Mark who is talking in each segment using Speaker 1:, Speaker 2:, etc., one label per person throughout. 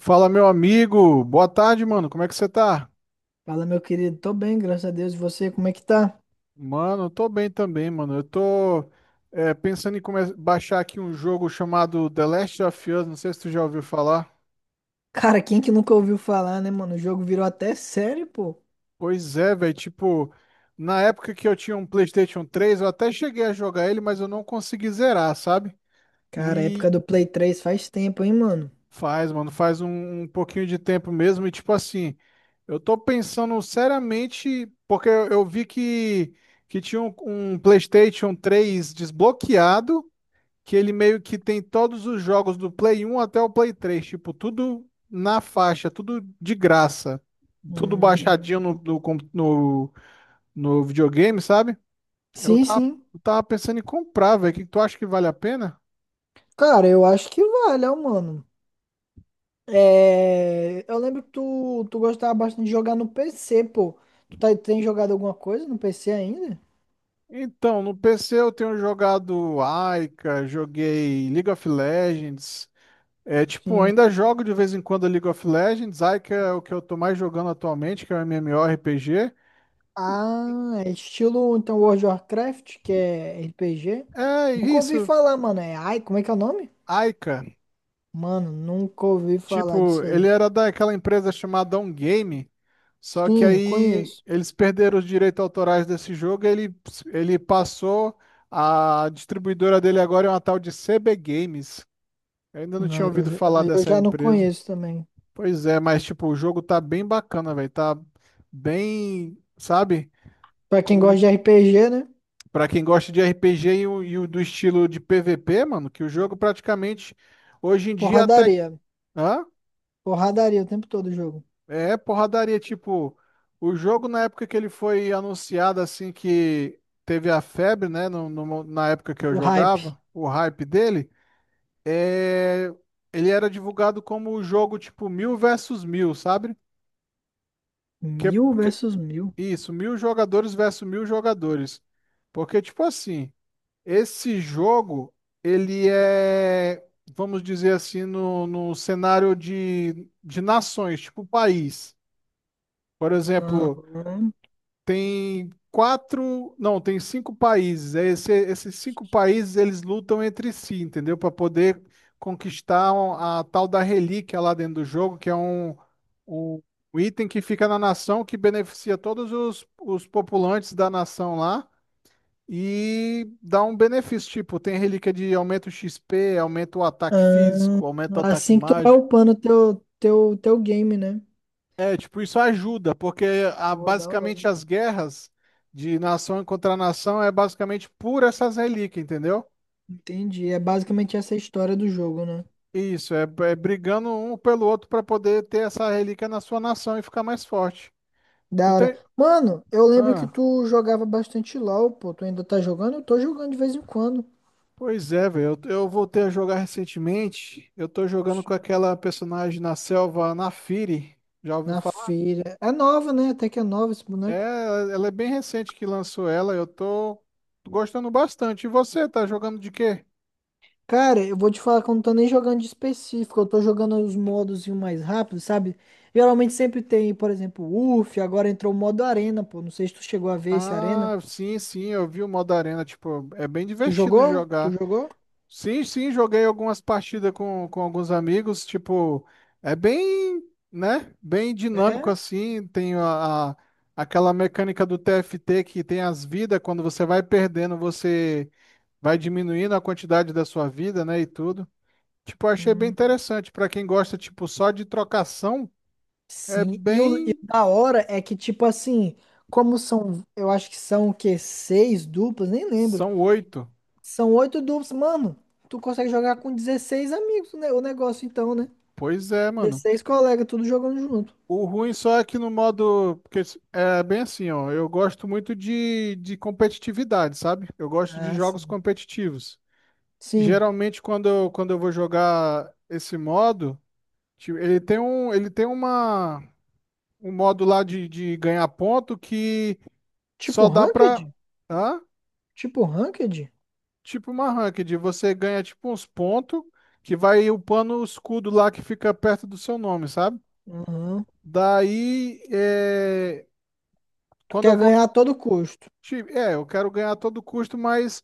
Speaker 1: Fala, meu amigo. Boa tarde, mano. Como é que você tá?
Speaker 2: Fala, meu querido. Tô bem, graças a Deus. E você, como é que tá?
Speaker 1: Mano, eu tô bem também, mano. Eu tô pensando em baixar aqui um jogo chamado The Last of Us. Não sei se tu já ouviu falar.
Speaker 2: Cara, quem que nunca ouviu falar, né, mano? O jogo virou até série, pô.
Speaker 1: Pois é, velho. Tipo, na época que eu tinha um PlayStation 3 eu até cheguei a jogar ele, mas eu não consegui zerar, sabe?
Speaker 2: Cara, a época
Speaker 1: E
Speaker 2: do Play 3 faz tempo, hein, mano?
Speaker 1: faz, mano, faz um pouquinho de tempo mesmo e tipo assim, eu tô pensando seriamente, porque eu vi que tinha um PlayStation 3 desbloqueado, que ele meio que tem todos os jogos do Play 1 até o Play 3. Tipo, tudo na faixa, tudo de graça, tudo
Speaker 2: Hum.
Speaker 1: baixadinho no videogame, sabe? Eu
Speaker 2: Sim,
Speaker 1: tava,
Speaker 2: sim.
Speaker 1: eu tava pensando em comprar, velho, o que que tu acha que vale a pena?
Speaker 2: Cara, eu acho que vale, ó, mano. Eu lembro que tu gostava bastante de jogar no PC, pô. Tem jogado alguma coisa no PC ainda?
Speaker 1: Então, no PC eu tenho jogado Aika, joguei League of Legends. É, tipo,
Speaker 2: Sim.
Speaker 1: ainda jogo de vez em quando League of Legends. Aika é o que eu tô mais jogando atualmente, que é o MMORPG.
Speaker 2: Ah, é estilo, então, World of Warcraft, que é RPG.
Speaker 1: É
Speaker 2: Nunca ouvi
Speaker 1: isso,
Speaker 2: falar, mano. Ai, como é que é o nome?
Speaker 1: Aika.
Speaker 2: Mano, nunca ouvi falar
Speaker 1: Tipo,
Speaker 2: disso
Speaker 1: ele
Speaker 2: aí.
Speaker 1: era daquela empresa chamada On Game, só que
Speaker 2: Sim,
Speaker 1: aí
Speaker 2: conheço.
Speaker 1: eles perderam os direitos autorais desse jogo, e ele passou, a distribuidora dele agora é uma tal de CB Games. Eu ainda não tinha
Speaker 2: Aí eu,
Speaker 1: ouvido
Speaker 2: já-
Speaker 1: falar
Speaker 2: aí eu
Speaker 1: dessa
Speaker 2: já não
Speaker 1: empresa.
Speaker 2: conheço também.
Speaker 1: Pois é, mas tipo, o jogo tá bem bacana, velho. Tá bem, sabe?
Speaker 2: Pra quem gosta
Speaker 1: Comuni...
Speaker 2: de RPG, né?
Speaker 1: Pra quem gosta de RPG e o do estilo de PVP, mano, que o jogo praticamente hoje em dia até.
Speaker 2: Porradaria.
Speaker 1: Hã?
Speaker 2: Porradaria o tempo todo o jogo.
Speaker 1: É porradaria. Tipo, o jogo na época que ele foi anunciado, assim, que teve a febre, né? Na época que eu
Speaker 2: O hype.
Speaker 1: jogava, o hype dele, é... ele era divulgado como o jogo, tipo, 1000 versus 1000, sabe? Que
Speaker 2: Mil versus mil.
Speaker 1: Isso, 1000 jogadores versus 1000 jogadores. Porque, tipo assim, esse jogo, ele é, vamos dizer assim, no cenário de nações, tipo país. Por exemplo,
Speaker 2: Aham.
Speaker 1: tem quatro, não, tem cinco países. É esses cinco países eles lutam entre si, entendeu? Para poder conquistar a tal da relíquia lá dentro do jogo, que é um um item que fica na nação que beneficia todos os populantes da nação lá e dá um benefício. Tipo, tem relíquia de aumento XP, aumenta o ataque
Speaker 2: Ahn,
Speaker 1: físico, aumenta o ataque.
Speaker 2: Assim que tu vai upando teu game, né?
Speaker 1: É, tipo, isso ajuda, porque
Speaker 2: Pô, da hora.
Speaker 1: basicamente as guerras de nação contra nação é basicamente por essas relíquias, entendeu?
Speaker 2: Entendi. É basicamente essa a história do jogo, né?
Speaker 1: Isso, é brigando um pelo outro para poder ter essa relíquia na sua nação e ficar mais forte. Tu
Speaker 2: Da hora.
Speaker 1: tem.
Speaker 2: Mano, eu lembro que
Speaker 1: Ah,
Speaker 2: tu jogava bastante LOL, pô. Tu ainda tá jogando? Eu tô jogando de vez em quando.
Speaker 1: pois é, velho. Eu voltei a jogar recentemente. Eu tô jogando com aquela personagem na selva, Naafiri. Já ouviu
Speaker 2: Na
Speaker 1: falar?
Speaker 2: feira. É nova, né? Até que é nova esse
Speaker 1: É,
Speaker 2: boneco.
Speaker 1: ela é bem recente que lançou ela. Eu tô gostando bastante. E você, tá jogando de quê?
Speaker 2: Cara, eu vou te falar que eu não tô nem jogando de específico. Eu tô jogando os modos e o mais rápido, sabe? Geralmente sempre tem, por exemplo, UF. Agora entrou o modo Arena, pô. Não sei se tu chegou a ver esse Arena.
Speaker 1: Ah, sim, sim, eu vi o modo arena, tipo, é bem
Speaker 2: Tu
Speaker 1: divertido de
Speaker 2: jogou? Tu
Speaker 1: jogar.
Speaker 2: jogou?
Speaker 1: Sim, sim, joguei algumas partidas com alguns amigos, tipo, é bem, né, bem dinâmico
Speaker 2: É?
Speaker 1: assim, tem aquela mecânica do TFT que tem as vidas, quando você vai perdendo, você vai diminuindo a quantidade da sua vida, né, e tudo. Tipo, eu achei bem
Speaker 2: Hum.
Speaker 1: interessante, pra quem gosta, tipo, só de trocação, é
Speaker 2: Sim. E o
Speaker 1: bem.
Speaker 2: da hora é que, tipo assim, como são, eu acho que são o quê? Seis duplas? Nem lembro.
Speaker 1: São oito.
Speaker 2: São oito duplas, mano. Tu consegue jogar com 16 amigos, né? O negócio então, né?
Speaker 1: Pois é, mano.
Speaker 2: 16 colegas, tudo jogando junto.
Speaker 1: O ruim só é que no modo. Porque é bem assim, ó. Eu gosto muito de competitividade, sabe? Eu gosto de
Speaker 2: Ah,
Speaker 1: jogos
Speaker 2: sim.
Speaker 1: competitivos.
Speaker 2: Sim.
Speaker 1: Geralmente, quando eu vou jogar esse modo, tipo, ele tem um, ele tem uma, um modo lá de ganhar ponto que
Speaker 2: Tipo
Speaker 1: só dá pra.
Speaker 2: ranked?
Speaker 1: Hã?
Speaker 2: Tipo ranked?
Speaker 1: Tipo uma ranked. Você ganha tipo uns pontos que vai upando o escudo lá que fica perto do seu nome, sabe?
Speaker 2: Uhum.
Speaker 1: Daí. É...
Speaker 2: Tu
Speaker 1: Quando eu
Speaker 2: quer
Speaker 1: vou
Speaker 2: ganhar a todo custo.
Speaker 1: Tipo, eu quero ganhar a todo custo, mas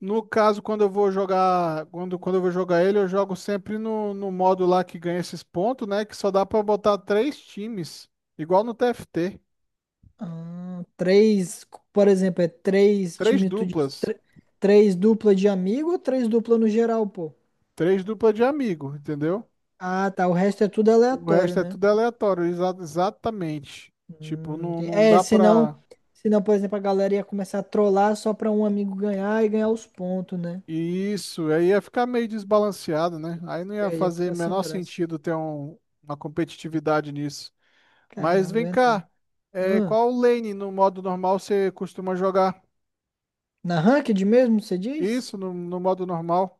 Speaker 1: no caso, quando eu vou jogar, quando eu vou jogar ele, eu jogo sempre no modo lá que ganha esses pontos, né? Que só dá pra botar três times, igual no TFT.
Speaker 2: Ah, três, por exemplo, é três
Speaker 1: Três
Speaker 2: time tu diz,
Speaker 1: duplas.
Speaker 2: três dupla de amigo ou três dupla no geral, pô?
Speaker 1: Três duplas de amigo, entendeu?
Speaker 2: Ah, tá. O resto é tudo
Speaker 1: O
Speaker 2: aleatório,
Speaker 1: resto é
Speaker 2: né?
Speaker 1: tudo aleatório, exatamente. Tipo,
Speaker 2: Hum,
Speaker 1: não,
Speaker 2: tem-
Speaker 1: não
Speaker 2: é,
Speaker 1: dá pra.
Speaker 2: senão, senão, por exemplo, a galera ia começar a trollar só pra um amigo ganhar e ganhar os pontos, né?
Speaker 1: E isso, aí ia ficar meio desbalanceado, né? Aí não
Speaker 2: E
Speaker 1: ia
Speaker 2: aí ia
Speaker 1: fazer
Speaker 2: ficar sem
Speaker 1: menor
Speaker 2: graça.
Speaker 1: sentido ter uma competitividade nisso. Mas
Speaker 2: Caramba, é
Speaker 1: vem cá,
Speaker 2: verdade. Ah,
Speaker 1: qual lane no modo normal você costuma jogar?
Speaker 2: na ranked mesmo, você diz?
Speaker 1: Isso, no modo normal.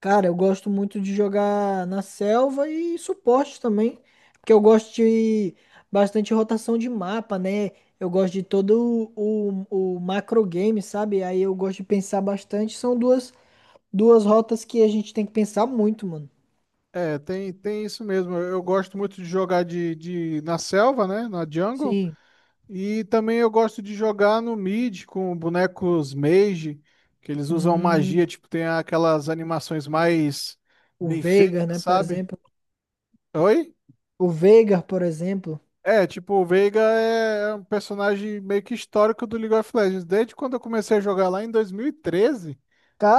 Speaker 2: Cara, eu gosto muito de jogar na selva e suporte também, porque eu gosto de bastante rotação de mapa, né? Eu gosto de todo o macro game, sabe? Aí eu gosto de pensar bastante. São duas rotas que a gente tem que pensar muito, mano.
Speaker 1: É, tem isso mesmo. Eu gosto muito de jogar na selva, né? Na jungle.
Speaker 2: Sim.
Speaker 1: E também eu gosto de jogar no mid com bonecos mage, que eles usam
Speaker 2: Hum,
Speaker 1: magia, tipo, tem aquelas animações mais
Speaker 2: o
Speaker 1: bem feitas,
Speaker 2: Veigar, né, por
Speaker 1: sabe?
Speaker 2: exemplo.
Speaker 1: Oi?
Speaker 2: O Veigar, por exemplo.
Speaker 1: É, tipo, o Veiga é um personagem meio que histórico do League of Legends. Desde quando eu comecei a jogar lá em 2013.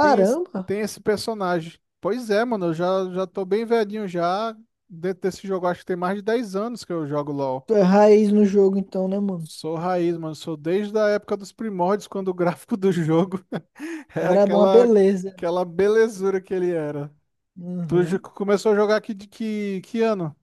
Speaker 1: Tem esse, tem esse personagem. Pois é, mano, eu já tô bem velhinho já. Dentro desse jogo, acho que tem mais de 10 anos que eu jogo LoL.
Speaker 2: Tu é raiz no jogo então, né, mano?
Speaker 1: Sou raiz, mano. Sou desde a época dos primórdios, quando o gráfico do jogo era
Speaker 2: Era uma
Speaker 1: aquela,
Speaker 2: beleza.
Speaker 1: aquela, belezura que ele era. Tu jo-
Speaker 2: Uhum.
Speaker 1: começou a jogar aqui de que ano?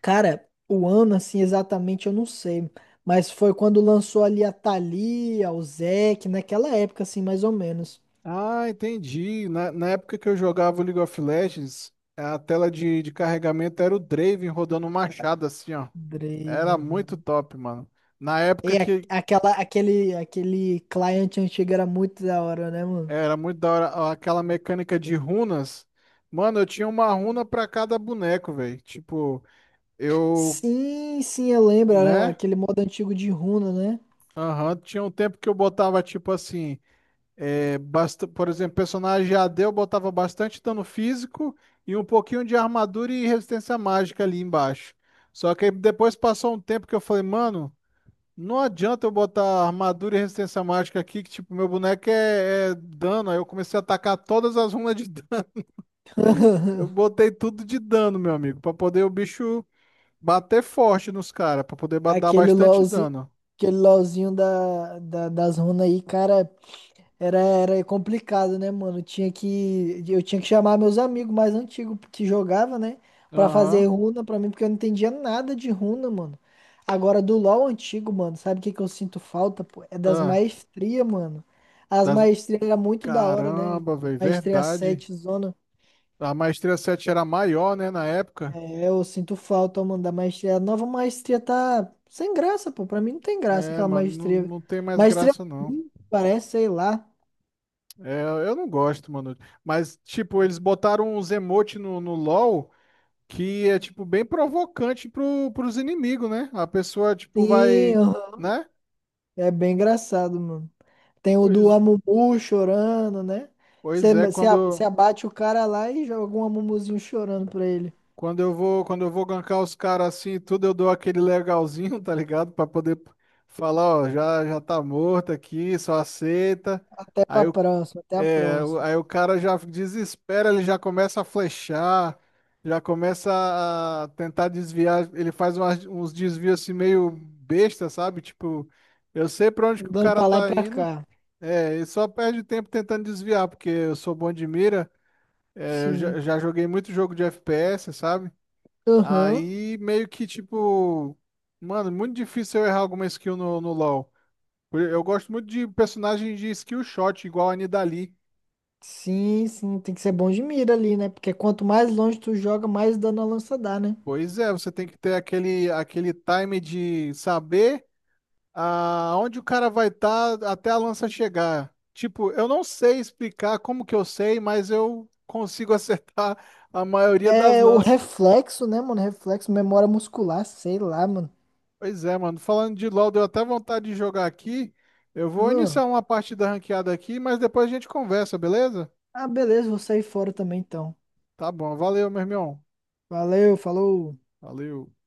Speaker 2: Cara, o ano, assim, exatamente eu não sei, mas foi quando lançou ali a Thalia, o Zeke, naquela época, assim, mais ou menos.
Speaker 1: Ah, entendi. Na época que eu jogava o League of Legends, a tela de carregamento era o Draven rodando um machado assim, ó.
Speaker 2: Drave,
Speaker 1: Era muito
Speaker 2: aham.
Speaker 1: top, mano. Na
Speaker 2: E
Speaker 1: época
Speaker 2: a-
Speaker 1: que,
Speaker 2: aquele cliente antigo era muito da hora, né, mano?
Speaker 1: Era muito da hora aquela mecânica de runas. Mano, eu tinha uma runa pra cada boneco, velho. Tipo, eu,
Speaker 2: Sim, sim, eu lembro, era
Speaker 1: né?
Speaker 2: aquele modo antigo de runa, né?
Speaker 1: Aham, tinha um tempo que eu botava, tipo assim, por exemplo, personagem AD, eu botava bastante dano físico e um pouquinho de armadura e resistência mágica ali embaixo. Só que aí depois passou um tempo que eu falei, mano, não adianta eu botar armadura e resistência mágica aqui, que, tipo, meu boneco é dano. Aí eu comecei a atacar todas as runas de Eu botei tudo de dano, meu amigo, pra poder o bicho bater forte nos caras, pra poder dar
Speaker 2: Aquele
Speaker 1: bastante
Speaker 2: LOLzinho,
Speaker 1: dano.
Speaker 2: aquele LOLzinho das runas aí, cara, era complicado, né, mano? Eu tinha que chamar meus amigos mais antigos que jogava, né, pra fazer
Speaker 1: Aham.
Speaker 2: runa pra mim, porque eu não entendia nada de runa, mano. Agora, do LoL antigo, mano, sabe o que que eu sinto falta, pô? É das
Speaker 1: Ah,
Speaker 2: maestrias, mano. As
Speaker 1: das...
Speaker 2: maestrias era muito da hora, né?
Speaker 1: Caramba, velho,
Speaker 2: Maestria
Speaker 1: verdade.
Speaker 2: 7 zona.
Speaker 1: A maestria 7 era maior, né, na época.
Speaker 2: É, eu sinto falta, mano, da maestria. A nova maestria tá sem graça, pô. Pra mim não tem graça
Speaker 1: É,
Speaker 2: aquela
Speaker 1: mano, não,
Speaker 2: maestria.
Speaker 1: não tem mais
Speaker 2: Maestria,
Speaker 1: graça, não.
Speaker 2: hum, parece, sei lá.
Speaker 1: É, eu não gosto, mano. Mas, tipo, eles botaram uns emote no LoL que é, tipo, bem provocante pro, pros inimigos, né? A pessoa, tipo,
Speaker 2: Sim,
Speaker 1: vai,
Speaker 2: aham.
Speaker 1: né?
Speaker 2: É bem engraçado, mano. Tem o do
Speaker 1: Pois,
Speaker 2: Amumu chorando, né?
Speaker 1: pois
Speaker 2: Você,
Speaker 1: é,
Speaker 2: você, a- você
Speaker 1: quando.
Speaker 2: abate o cara lá e joga um Amumuzinho chorando pra ele.
Speaker 1: Quando eu vou gankar os caras assim e tudo, eu dou aquele legalzinho, tá ligado? Pra poder falar, ó, já tá morto aqui, só aceita.
Speaker 2: Até pra
Speaker 1: Aí o,
Speaker 2: próxima, até a
Speaker 1: é, o-
Speaker 2: próxima.
Speaker 1: aí o cara já desespera, ele já começa a flechar, já começa a tentar desviar, ele faz uns desvios assim meio besta, sabe? Tipo, eu sei pra onde que o
Speaker 2: Andando
Speaker 1: cara
Speaker 2: pra lá e
Speaker 1: tá
Speaker 2: pra
Speaker 1: indo,
Speaker 2: cá.
Speaker 1: e só perde tempo tentando desviar, porque eu sou bom de mira, eu
Speaker 2: Sim.
Speaker 1: já joguei muito jogo de FPS, sabe?
Speaker 2: Aham.
Speaker 1: Aí meio que tipo, mano, muito difícil eu errar alguma skill no LoL. Eu gosto muito de personagem de skill shot, igual a Nidalee.
Speaker 2: Sim, sim. Tem que ser bom de mira ali, né? Porque quanto mais longe tu joga, mais dano a lança dá, né?
Speaker 1: Pois é, você tem que ter aquele time de saber aonde o cara vai estar até a lança chegar. Tipo, eu não sei explicar como que eu sei, mas eu consigo acertar a maioria das
Speaker 2: É o
Speaker 1: lanças.
Speaker 2: reflexo, né, mano? Reflexo, memória muscular, sei lá, mano.
Speaker 1: Pois é, mano. Falando de LoL, deu até vontade de jogar aqui. Eu vou
Speaker 2: Hum.
Speaker 1: iniciar uma partida ranqueada aqui, mas depois a gente conversa, beleza?
Speaker 2: Ah, beleza, vou sair fora também então.
Speaker 1: Tá bom, valeu, meu irmão.
Speaker 2: Valeu, falou.
Speaker 1: Valeu.